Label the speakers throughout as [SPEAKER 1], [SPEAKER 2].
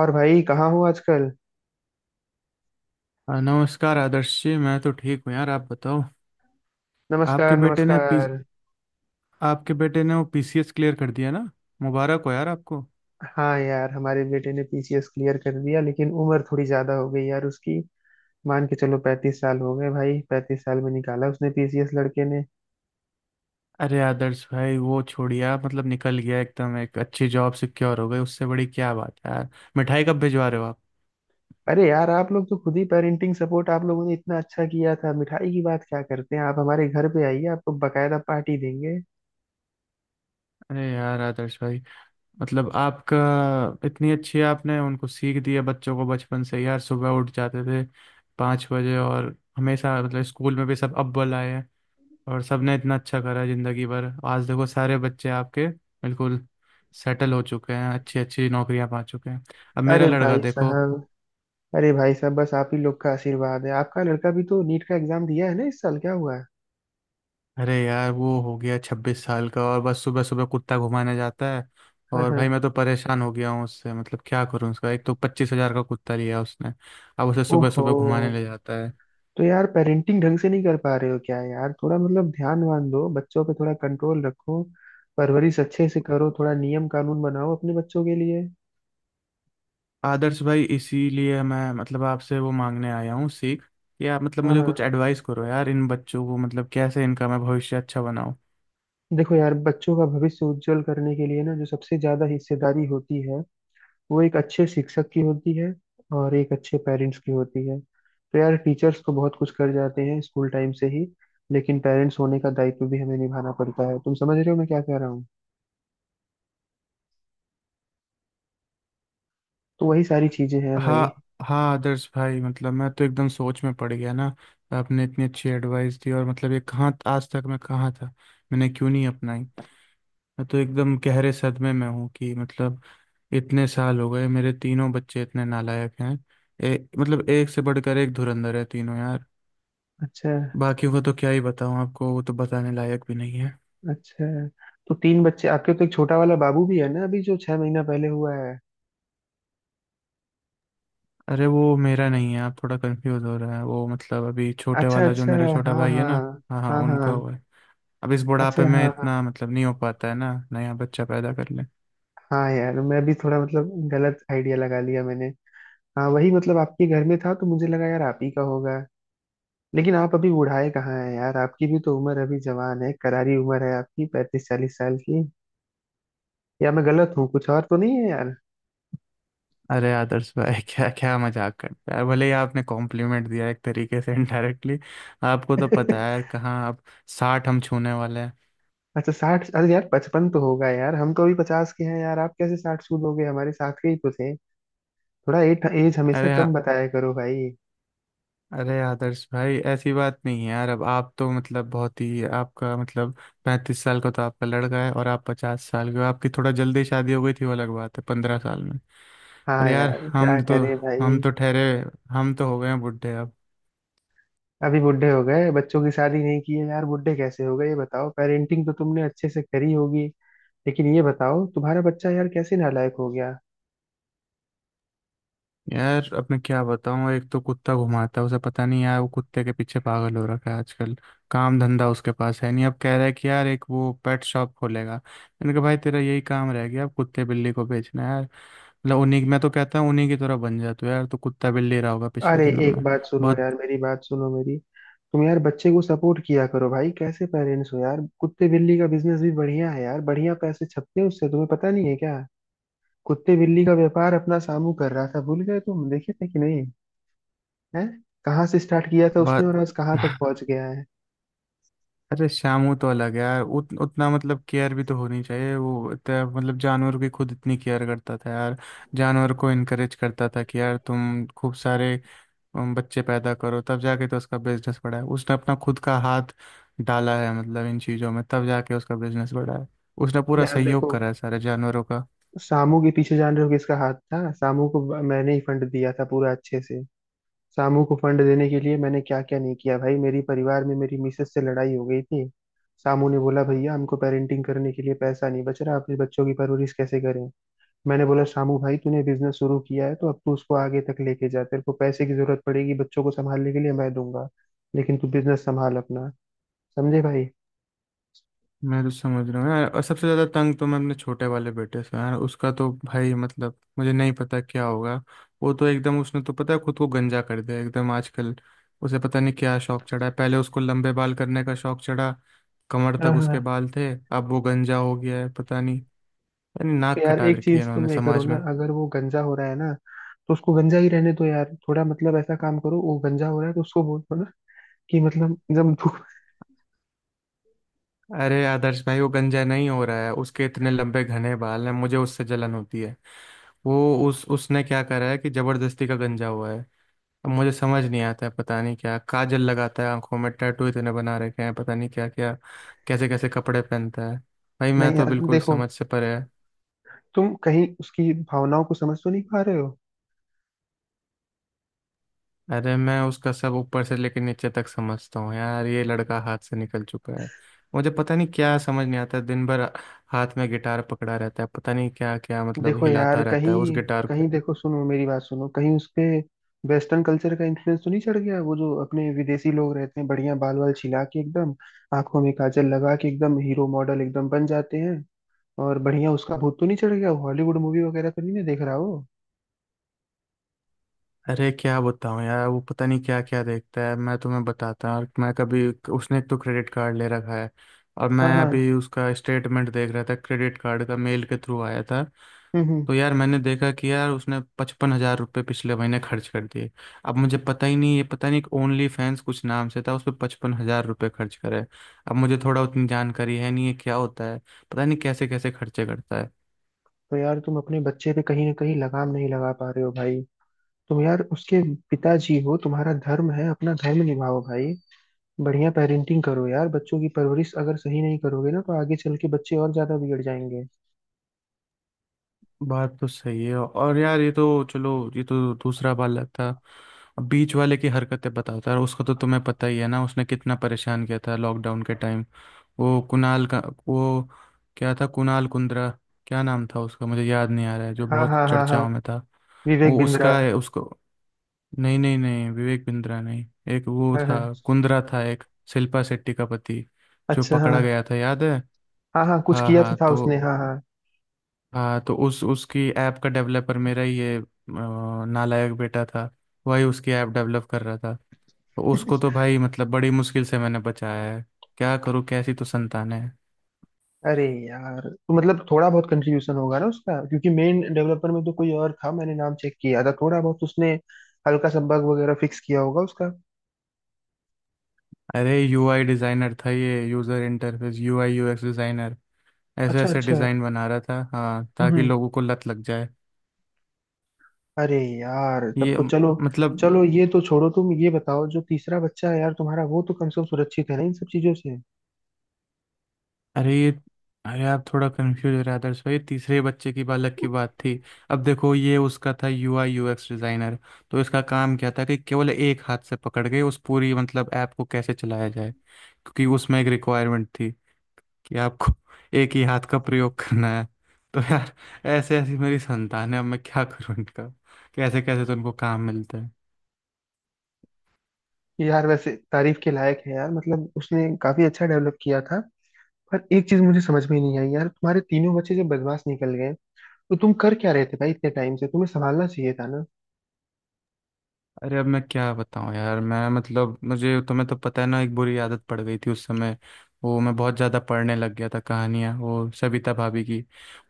[SPEAKER 1] और भाई कहाँ हो आजकल।
[SPEAKER 2] हाँ, नमस्कार आदर्श जी। मैं तो ठीक हूँ यार, आप बताओ। आपके
[SPEAKER 1] नमस्कार,
[SPEAKER 2] बेटे ने पी
[SPEAKER 1] नमस्कार।
[SPEAKER 2] आपके बेटे ने वो पीसीएस क्लियर कर दिया ना। मुबारक हो यार आपको।
[SPEAKER 1] हाँ यार, हमारे बेटे ने पीसीएस क्लियर कर दिया, लेकिन उम्र थोड़ी ज्यादा हो गई यार उसकी। मान के चलो 35 साल हो गए भाई, 35 साल में निकाला उसने पीसीएस लड़के ने।
[SPEAKER 2] अरे आदर्श भाई, वो छोड़िया, मतलब निकल गया एकदम, एक अच्छी जॉब सिक्योर हो गई, उससे बड़ी क्या बात है यार। मिठाई कब भिजवा रहे हो आप।
[SPEAKER 1] अरे यार, आप लोग तो खुद ही पेरेंटिंग सपोर्ट आप लोगों ने इतना अच्छा किया था, मिठाई की बात क्या करते हैं आप, हमारे घर पे आइए, आपको बकायदा पार्टी देंगे।
[SPEAKER 2] अरे यार आदर्श भाई, मतलब आपका, इतनी अच्छी आपने उनको सीख दिया, बच्चों को बचपन से यार सुबह उठ जाते थे 5 बजे, और हमेशा मतलब स्कूल में भी सब अव्वल आए हैं। और सबने इतना अच्छा करा जिंदगी भर, आज देखो सारे बच्चे आपके बिल्कुल सेटल हो चुके हैं, अच्छी अच्छी नौकरियां पा चुके हैं। अब मेरा
[SPEAKER 1] अरे
[SPEAKER 2] लड़का
[SPEAKER 1] भाई
[SPEAKER 2] देखो,
[SPEAKER 1] साहब, अरे भाई साहब, बस आप ही लोग का आशीर्वाद है। आपका लड़का भी तो नीट का एग्जाम दिया है ना इस साल, क्या हुआ है?
[SPEAKER 2] अरे यार वो हो गया 26 साल का और बस सुबह सुबह कुत्ता घुमाने जाता है।
[SPEAKER 1] हाँ
[SPEAKER 2] और
[SPEAKER 1] हाँ।
[SPEAKER 2] भाई मैं तो परेशान हो गया हूँ उससे, मतलब क्या करूँ उसका, एक तो 25 हजार का कुत्ता लिया उसने, अब उसे सुबह
[SPEAKER 1] ओहो।
[SPEAKER 2] सुबह घुमाने ले जाता है।
[SPEAKER 1] तो यार पेरेंटिंग ढंग से नहीं कर पा रहे हो क्या यार? थोड़ा मतलब ध्यान वान दो बच्चों पे, थोड़ा कंट्रोल रखो। परवरिश अच्छे से करो, थोड़ा नियम कानून बनाओ अपने बच्चों के लिए।
[SPEAKER 2] आदर्श भाई, इसीलिए मैं मतलब आपसे वो मांगने आया हूँ सीख, कि आप मतलब
[SPEAKER 1] हाँ
[SPEAKER 2] मुझे
[SPEAKER 1] हाँ।
[SPEAKER 2] कुछ एडवाइस करो यार, इन बच्चों को मतलब कैसे इनका मैं भविष्य अच्छा बनाऊँ।
[SPEAKER 1] देखो यार, बच्चों का भविष्य उज्जवल करने के लिए ना जो सबसे ज्यादा हिस्सेदारी होती है, वो एक अच्छे शिक्षक की होती है, और एक अच्छे पेरेंट्स की होती है। तो यार टीचर्स तो बहुत कुछ कर जाते हैं स्कूल टाइम से ही, लेकिन पेरेंट्स होने का दायित्व भी हमें निभाना पड़ता है। तुम समझ रहे हो मैं क्या कह रहा हूँ? तो वही सारी चीजें हैं भाई।
[SPEAKER 2] हाँ हाँ, आदर्श भाई, मतलब मैं तो एकदम सोच में पड़ गया ना। आपने इतनी अच्छी एडवाइस दी, और मतलब ये कहाँ, आज तक मैं कहाँ था, मैंने क्यों नहीं अपनाई। मैं तो एकदम गहरे सदमे में हूँ कि मतलब इतने साल हो गए मेरे तीनों बच्चे इतने नालायक हैं। ए, मतलब एक से बढ़कर एक धुरंधर है तीनों यार।
[SPEAKER 1] अच्छा
[SPEAKER 2] बाकी को तो क्या ही बताऊँ आपको, वो तो बताने लायक भी नहीं है।
[SPEAKER 1] अच्छा। तो तीन बच्चे आपके, तो एक छोटा वाला बाबू भी है ना अभी जो 6 महीना पहले हुआ है।
[SPEAKER 2] अरे वो मेरा नहीं है, आप थोड़ा कंफ्यूज हो रहे हैं, वो मतलब अभी छोटे
[SPEAKER 1] अच्छा
[SPEAKER 2] वाला जो
[SPEAKER 1] अच्छा।
[SPEAKER 2] मेरा छोटा
[SPEAKER 1] हाँ
[SPEAKER 2] भाई है
[SPEAKER 1] हाँ,
[SPEAKER 2] ना, हाँ हाँ
[SPEAKER 1] हाँ
[SPEAKER 2] उनका
[SPEAKER 1] हाँ।
[SPEAKER 2] हुआ है। अब इस
[SPEAKER 1] अच्छा,
[SPEAKER 2] बुढ़ापे में
[SPEAKER 1] हाँ हाँ।
[SPEAKER 2] इतना मतलब नहीं हो पाता है ना, नया बच्चा पैदा कर ले।
[SPEAKER 1] हाँ यार, मैं भी थोड़ा मतलब गलत आइडिया लगा लिया मैंने। हाँ वही मतलब आपके घर में था तो मुझे लगा यार आप ही का होगा। लेकिन आप अभी बुढ़ाए कहाँ हैं यार? आपकी भी तो उम्र अभी जवान है, करारी उम्र है आपकी, 35-40 साल की। या मैं गलत हूँ, कुछ और तो नहीं है यार?
[SPEAKER 2] अरे आदर्श भाई क्या क्या मजाक करते हैं, भले ही आपने कॉम्प्लीमेंट दिया एक तरीके से इनडायरेक्टली, आपको तो पता है यार कहाँ अब, 60 हम छूने वाले हैं।
[SPEAKER 1] अच्छा, 60? अरे यार 55 तो होगा यार, हम तो अभी 50 के हैं यार, आप कैसे 60 सूद हो गए? हमारे साथ के ही तो थे। थोड़ा एट एज हमेशा
[SPEAKER 2] अरे
[SPEAKER 1] कम
[SPEAKER 2] आ-
[SPEAKER 1] बताया करो भाई।
[SPEAKER 2] अरे आदर्श भाई, ऐसी बात नहीं है यार। अब आप तो मतलब बहुत ही आपका मतलब, 35 साल का तो आपका लड़का है और आप 50 साल के हो, आपकी थोड़ा जल्दी शादी हो गई थी वो अलग बात है, 15 साल में। पर
[SPEAKER 1] हाँ
[SPEAKER 2] यार
[SPEAKER 1] यार क्या करे
[SPEAKER 2] हम
[SPEAKER 1] भाई।
[SPEAKER 2] तो ठहरे, हम तो हो गए हैं बुढ़े अब।
[SPEAKER 1] अभी बुढ़े हो गए? बच्चों की शादी नहीं की है यार, बुढ़े कैसे हो गए ये बताओ। पेरेंटिंग तो तुमने अच्छे से करी होगी, लेकिन ये बताओ तुम्हारा बच्चा यार कैसे नालायक हो गया।
[SPEAKER 2] यार अब मैं क्या बताऊँ, एक तो कुत्ता घुमाता है, उसे पता नहीं यार वो कुत्ते के पीछे पागल हो रखा है आजकल। काम धंधा उसके पास है नहीं, अब कह रहा है कि यार एक वो पेट शॉप खोलेगा, मैंने कहा भाई तेरा यही काम रह गया, अब कुत्ते बिल्ली को बेचना है यार। मतलब उन्हीं, मैं तो कहता हूँ उन्हीं की तरह बन जा तू यार, तो कुत्ता बिल्ली रहा होगा पिछले
[SPEAKER 1] अरे
[SPEAKER 2] जन्म
[SPEAKER 1] एक
[SPEAKER 2] में।
[SPEAKER 1] बात सुनो
[SPEAKER 2] बहुत
[SPEAKER 1] यार, मेरी बात सुनो मेरी। तुम यार बच्चे को सपोर्ट किया करो भाई, कैसे पेरेंट्स हो यार? कुत्ते बिल्ली का बिजनेस भी बढ़िया है यार, बढ़िया पैसे छपते हैं उससे, तुम्हें पता नहीं है क्या? कुत्ते बिल्ली का व्यापार अपना सामू कर रहा था, भूल गए? तुम देखे थे कि नहीं है। कहाँ से स्टार्ट किया था उसने
[SPEAKER 2] बहुत
[SPEAKER 1] और आज कहाँ तक पहुंच गया है।
[SPEAKER 2] अरे शामू तो अलग है यार। उतना मतलब केयर भी तो होनी चाहिए, वो मतलब जानवर की खुद इतनी केयर करता था यार। जानवर को इनकरेज करता था कि यार तुम खूब सारे हम बच्चे पैदा करो, तब जाके तो उसका बिजनेस बढ़ा है। उसने अपना खुद का हाथ डाला है मतलब इन चीज़ों में, तब जाके उसका बिजनेस बढ़ा है। उसने पूरा
[SPEAKER 1] यार
[SPEAKER 2] सहयोग
[SPEAKER 1] देखो,
[SPEAKER 2] करा है सारे जानवरों का।
[SPEAKER 1] सामू के पीछे जान रहे हो किसका हाथ था? सामू को मैंने ही फंड दिया था पूरा अच्छे से। सामू को फंड देने के लिए मैंने क्या क्या नहीं किया भाई, मेरी परिवार में मेरी मिसेस से लड़ाई हो गई थी। सामू ने बोला भैया हमको पेरेंटिंग करने के लिए पैसा नहीं बच रहा, अपने बच्चों की परवरिश कैसे करें। मैंने बोला सामू भाई, तूने बिजनेस शुरू किया है, तो अब तू उसको आगे तक लेके जा, तेरे को पैसे की जरूरत पड़ेगी बच्चों को संभालने के लिए, मैं दूंगा, लेकिन तू बिजनेस संभाल अपना। समझे भाई?
[SPEAKER 2] मैं तो समझ रहा हूँ यार, और सबसे ज़्यादा तंग तो मैं अपने छोटे वाले बेटे से हूँ यार। उसका तो भाई मतलब मुझे नहीं पता क्या होगा। वो तो एकदम उसने तो पता है खुद को गंजा कर दिया एकदम आजकल। उसे पता नहीं क्या शौक चढ़ा है, पहले उसको लंबे बाल करने का शौक चढ़ा, कमर
[SPEAKER 1] हाँ
[SPEAKER 2] तक उसके
[SPEAKER 1] हाँ।
[SPEAKER 2] बाल थे। अब वो गंजा हो गया है पता नहीं, यानी नाक
[SPEAKER 1] यार
[SPEAKER 2] कटा
[SPEAKER 1] एक
[SPEAKER 2] रखी है
[SPEAKER 1] चीज
[SPEAKER 2] इन्होंने
[SPEAKER 1] तुम ये करो
[SPEAKER 2] समाज
[SPEAKER 1] ना,
[SPEAKER 2] में।
[SPEAKER 1] अगर वो गंजा हो रहा है ना तो उसको गंजा ही रहने दो यार। थोड़ा मतलब ऐसा काम करो, वो गंजा हो रहा है तो उसको बोल दो ना कि मतलब जब धूप।
[SPEAKER 2] अरे आदर्श भाई, वो गंजा नहीं हो रहा है, उसके इतने लंबे घने बाल हैं, मुझे उससे जलन होती है। वो उस उसने क्या करा है कि जबरदस्ती का गंजा हुआ है। अब मुझे समझ नहीं आता है, पता नहीं क्या काजल लगाता है आंखों में, टैटू इतने बना रखे हैं पता नहीं क्या क्या, कैसे कैसे कपड़े पहनता है। भाई मैं
[SPEAKER 1] नहीं
[SPEAKER 2] तो
[SPEAKER 1] यार
[SPEAKER 2] बिल्कुल
[SPEAKER 1] देखो,
[SPEAKER 2] समझ से परे है।
[SPEAKER 1] तुम कहीं उसकी भावनाओं को समझ तो नहीं पा रहे हो।
[SPEAKER 2] अरे मैं उसका सब ऊपर से लेकर नीचे तक समझता हूँ यार, ये लड़का हाथ से निकल चुका है। मुझे पता नहीं क्या समझ नहीं आता है, दिन भर हाथ में गिटार पकड़ा रहता है, पता नहीं क्या क्या मतलब
[SPEAKER 1] देखो
[SPEAKER 2] हिलाता
[SPEAKER 1] यार
[SPEAKER 2] रहता है
[SPEAKER 1] कहीं
[SPEAKER 2] उस गिटार को।
[SPEAKER 1] कहीं देखो, सुनो मेरी बात सुनो। कहीं उस पे वेस्टर्न कल्चर का इन्फ्लुएंस तो नहीं चढ़ गया? वो जो अपने विदेशी लोग रहते हैं, बढ़िया बाल वाल छिला के एकदम, आंखों में काजल लगा के एकदम हीरो मॉडल एकदम बन जाते हैं। और बढ़िया उसका भूत तो नहीं चढ़ गया, हॉलीवुड मूवी वगैरह तो नहीं ना देख रहा हो?
[SPEAKER 2] अरे क्या बताऊं यार, वो पता नहीं क्या क्या देखता है, मैं तुम्हें बताता हूँ। मैं कभी, उसने एक तो क्रेडिट कार्ड ले रखा है, और मैं
[SPEAKER 1] हाँ हाँ।
[SPEAKER 2] अभी उसका स्टेटमेंट देख रहा था, क्रेडिट कार्ड का मेल के थ्रू आया था।
[SPEAKER 1] हम्म हम्म।
[SPEAKER 2] तो यार मैंने देखा कि यार उसने 55 हजार रुपये पिछले महीने खर्च कर दिए। अब मुझे पता ही नहीं, ये पता नहीं ओनली फैंस कुछ नाम से था, उस पर 55 हजार रुपये खर्च करे। अब मुझे थोड़ा उतनी जानकारी है नहीं है क्या होता है, पता नहीं कैसे कैसे खर्चे करता है।
[SPEAKER 1] तो यार तुम अपने बच्चे पे कहीं ना कहीं लगाम नहीं लगा पा रहे हो भाई। तुम यार उसके पिताजी हो, तुम्हारा धर्म है अपना धर्म निभाओ भाई। बढ़िया पेरेंटिंग करो यार, बच्चों की परवरिश अगर सही नहीं करोगे ना तो आगे चल के बच्चे और ज्यादा बिगड़ जाएंगे।
[SPEAKER 2] बात तो सही है। और यार ये तो चलो, ये तो दूसरा वाला था। अब बीच वाले की हरकतें बताता है, उसको तो तुम्हें पता ही है ना उसने कितना परेशान किया था लॉकडाउन के टाइम। वो कुणाल का, वो क्या था, कुणाल कुंद्रा, क्या नाम था उसका मुझे याद नहीं आ रहा है, जो
[SPEAKER 1] हाँ
[SPEAKER 2] बहुत
[SPEAKER 1] हाँ, हाँ हाँ।
[SPEAKER 2] चर्चाओं में था।
[SPEAKER 1] विवेक
[SPEAKER 2] वो
[SPEAKER 1] बिंद्रा।
[SPEAKER 2] उसका है, उसको, नहीं नहीं नहीं, विवेक बिंद्रा नहीं, एक वो
[SPEAKER 1] हाँ
[SPEAKER 2] था,
[SPEAKER 1] हाँ।
[SPEAKER 2] कुंद्रा था एक, शिल्पा शेट्टी का पति, जो
[SPEAKER 1] अच्छा,
[SPEAKER 2] पकड़ा
[SPEAKER 1] हाँ
[SPEAKER 2] गया था याद है।
[SPEAKER 1] हाँ। हाँ कुछ
[SPEAKER 2] हाँ
[SPEAKER 1] किया तो
[SPEAKER 2] हाँ,
[SPEAKER 1] था उसने,
[SPEAKER 2] तो
[SPEAKER 1] हाँ हाँ।
[SPEAKER 2] हाँ तो उस उसकी ऐप का डेवलपर मेरा ये नालायक बेटा था। वही उसकी ऐप डेवलप कर रहा था, तो उसको तो भाई मतलब बड़ी मुश्किल से मैंने बचाया है। क्या करूँ, कैसी तो संतान है।
[SPEAKER 1] अरे यार, तो मतलब थोड़ा बहुत कंट्रीब्यूशन होगा ना उसका, क्योंकि मेन डेवलपर में तो कोई और था, मैंने नाम चेक किया था। थोड़ा बहुत उसने हल्का सा बग वगैरह फिक्स किया होगा उसका।
[SPEAKER 2] अरे यूआई डिज़ाइनर था ये, user interface, UI UX designer, ऐसे
[SPEAKER 1] अच्छा
[SPEAKER 2] ऐसे
[SPEAKER 1] अच्छा।
[SPEAKER 2] डिज़ाइन बना रहा था हाँ,
[SPEAKER 1] हम्म
[SPEAKER 2] ताकि
[SPEAKER 1] हम्म।
[SPEAKER 2] लोगों को लत लग जाए।
[SPEAKER 1] अरे यार तब
[SPEAKER 2] ये
[SPEAKER 1] तो चलो।
[SPEAKER 2] मतलब,
[SPEAKER 1] चलो ये तो छोड़ो, तुम ये बताओ जो तीसरा बच्चा है यार तुम्हारा, वो तो कम से कम सुरक्षित है ना इन सब चीजों से।
[SPEAKER 2] अरे ये अरे आप थोड़ा कंफ्यूज हो रहे हैं आदर्श भाई, तीसरे बच्चे की, बालक की बात थी। अब देखो ये उसका था यूआई यूएक्स डिजाइनर, तो इसका काम क्या था कि केवल एक हाथ से पकड़ के उस पूरी मतलब ऐप को कैसे चलाया जाए, क्योंकि उसमें एक रिक्वायरमेंट थी कि आपको एक ही हाथ का प्रयोग करना है। तो यार, ऐसे ऐसी मेरी संतान है, अब मैं क्या करूँ इनका, कैसे कैसे तो उनको काम मिलता है।
[SPEAKER 1] यार वैसे तारीफ के लायक है यार, मतलब उसने काफी अच्छा डेवलप किया था। पर एक चीज मुझे समझ में नहीं आई यार, तुम्हारे तीनों बच्चे जब बदमाश निकल गए, तो तुम कर क्या रहे थे भाई? इतने टाइम से तुम्हें संभालना चाहिए था ना।
[SPEAKER 2] अरे अब मैं क्या बताऊं यार, मैं मतलब मुझे, तुम्हें तो पता है ना एक बुरी आदत पड़ गई थी उस समय, वो मैं बहुत ज़्यादा पढ़ने लग गया था कहानियाँ, वो सविता भाभी की।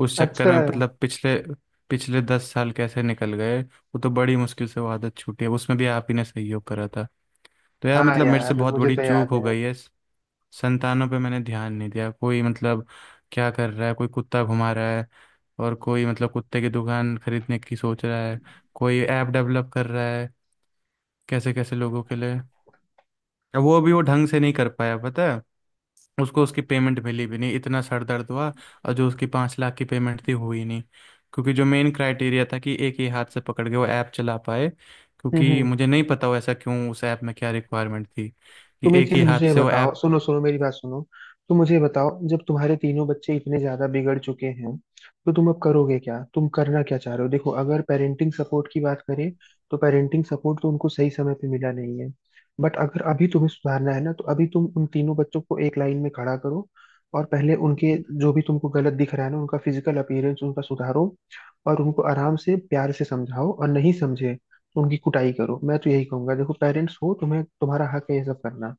[SPEAKER 2] उस चक्कर
[SPEAKER 1] अच्छा।
[SPEAKER 2] में मतलब पिछले पिछले 10 साल कैसे निकल गए, वो तो बड़ी मुश्किल से वो आदत छूटी है, उसमें भी आप ही ने सहयोग करा था। तो यार
[SPEAKER 1] हाँ
[SPEAKER 2] मतलब मेरे से
[SPEAKER 1] यार,
[SPEAKER 2] बहुत
[SPEAKER 1] मुझे
[SPEAKER 2] बड़ी
[SPEAKER 1] तो
[SPEAKER 2] चूक
[SPEAKER 1] याद
[SPEAKER 2] हो
[SPEAKER 1] है।
[SPEAKER 2] गई है, संतानों पे मैंने ध्यान नहीं दिया, कोई मतलब क्या कर रहा है, कोई कुत्ता घुमा रहा है, और कोई मतलब कुत्ते की दुकान खरीदने की सोच रहा है, कोई ऐप डेवलप कर रहा है कैसे कैसे लोगों के लिए। अब वो भी वो ढंग से नहीं कर पाया पता है, उसको उसकी पेमेंट मिली भी नहीं, इतना सर दर्द हुआ। और जो उसकी 5 लाख की पेमेंट थी हुई नहीं, क्योंकि जो मेन क्राइटेरिया था कि एक ही हाथ से पकड़ के वो ऐप चला पाए,
[SPEAKER 1] हम्म
[SPEAKER 2] क्योंकि
[SPEAKER 1] हम्म।
[SPEAKER 2] मुझे नहीं पता वो ऐसा क्यों, उस ऐप में क्या रिक्वायरमेंट थी कि
[SPEAKER 1] तुम एक
[SPEAKER 2] एक ही
[SPEAKER 1] चीज
[SPEAKER 2] हाथ
[SPEAKER 1] मुझे ये
[SPEAKER 2] से वो
[SPEAKER 1] बताओ,
[SPEAKER 2] ऐप।
[SPEAKER 1] सुनो सुनो मेरी बात सुनो। तुम मुझे ये बताओ, जब तुम्हारे तीनों बच्चे इतने ज्यादा बिगड़ चुके हैं तो तुम अब करोगे क्या? तुम करना क्या चाह रहे हो? देखो, अगर पेरेंटिंग सपोर्ट की बात करें तो पेरेंटिंग सपोर्ट तो उनको सही समय पे मिला नहीं है, बट अगर अभी तुम्हें सुधारना है ना, तो अभी तुम उन तीनों बच्चों को एक लाइन में खड़ा करो, और पहले उनके जो भी तुमको गलत दिख रहा है ना उनका फिजिकल अपीयरेंस उनका सुधारो, और उनको आराम से प्यार से समझाओ, और नहीं समझे तो उनकी कुटाई करो। मैं तो यही कहूंगा, देखो पेरेंट्स हो, तुम्हें तुम्हारा हक है ये सब करना।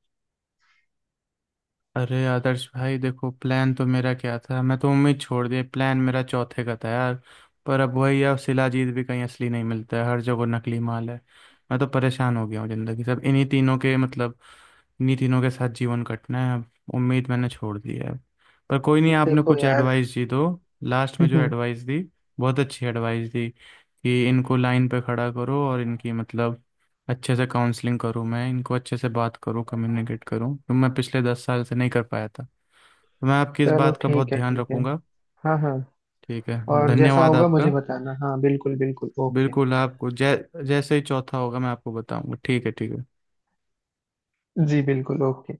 [SPEAKER 2] अरे आदर्श भाई देखो, प्लान तो मेरा क्या था, मैं तो उम्मीद छोड़ दी, प्लान मेरा चौथे का था यार। पर अब वही है, अब शिलाजीत भी कहीं असली नहीं मिलता है, हर जगह नकली माल है। मैं तो परेशान हो गया हूँ, जिंदगी सब इन्हीं तीनों के मतलब इन्हीं तीनों के साथ जीवन कटना है, अब उम्मीद मैंने छोड़ दी है अब। पर कोई नहीं, आपने
[SPEAKER 1] देखो
[SPEAKER 2] कुछ
[SPEAKER 1] यार
[SPEAKER 2] एडवाइस दी तो, लास्ट में जो एडवाइस दी, बहुत अच्छी एडवाइस दी कि इनको लाइन पे खड़ा करो और इनकी मतलब अच्छे से काउंसलिंग करूँ, मैं इनको अच्छे से बात करूँ, कम्युनिकेट करूँ, तो मैं पिछले 10 साल से नहीं कर पाया था, तो मैं आपकी इस
[SPEAKER 1] चलो
[SPEAKER 2] बात का बहुत
[SPEAKER 1] ठीक है,
[SPEAKER 2] ध्यान
[SPEAKER 1] ठीक है।
[SPEAKER 2] रखूंगा।
[SPEAKER 1] हाँ हाँ।
[SPEAKER 2] ठीक है।
[SPEAKER 1] और जैसा
[SPEAKER 2] धन्यवाद
[SPEAKER 1] होगा मुझे
[SPEAKER 2] आपका।
[SPEAKER 1] बताना। हाँ बिल्कुल, बिल्कुल, ओके।
[SPEAKER 2] बिल्कुल, आपको जै जैसे ही चौथा होगा मैं आपको बताऊंगा। ठीक है, ठीक है।
[SPEAKER 1] जी बिल्कुल, ओके।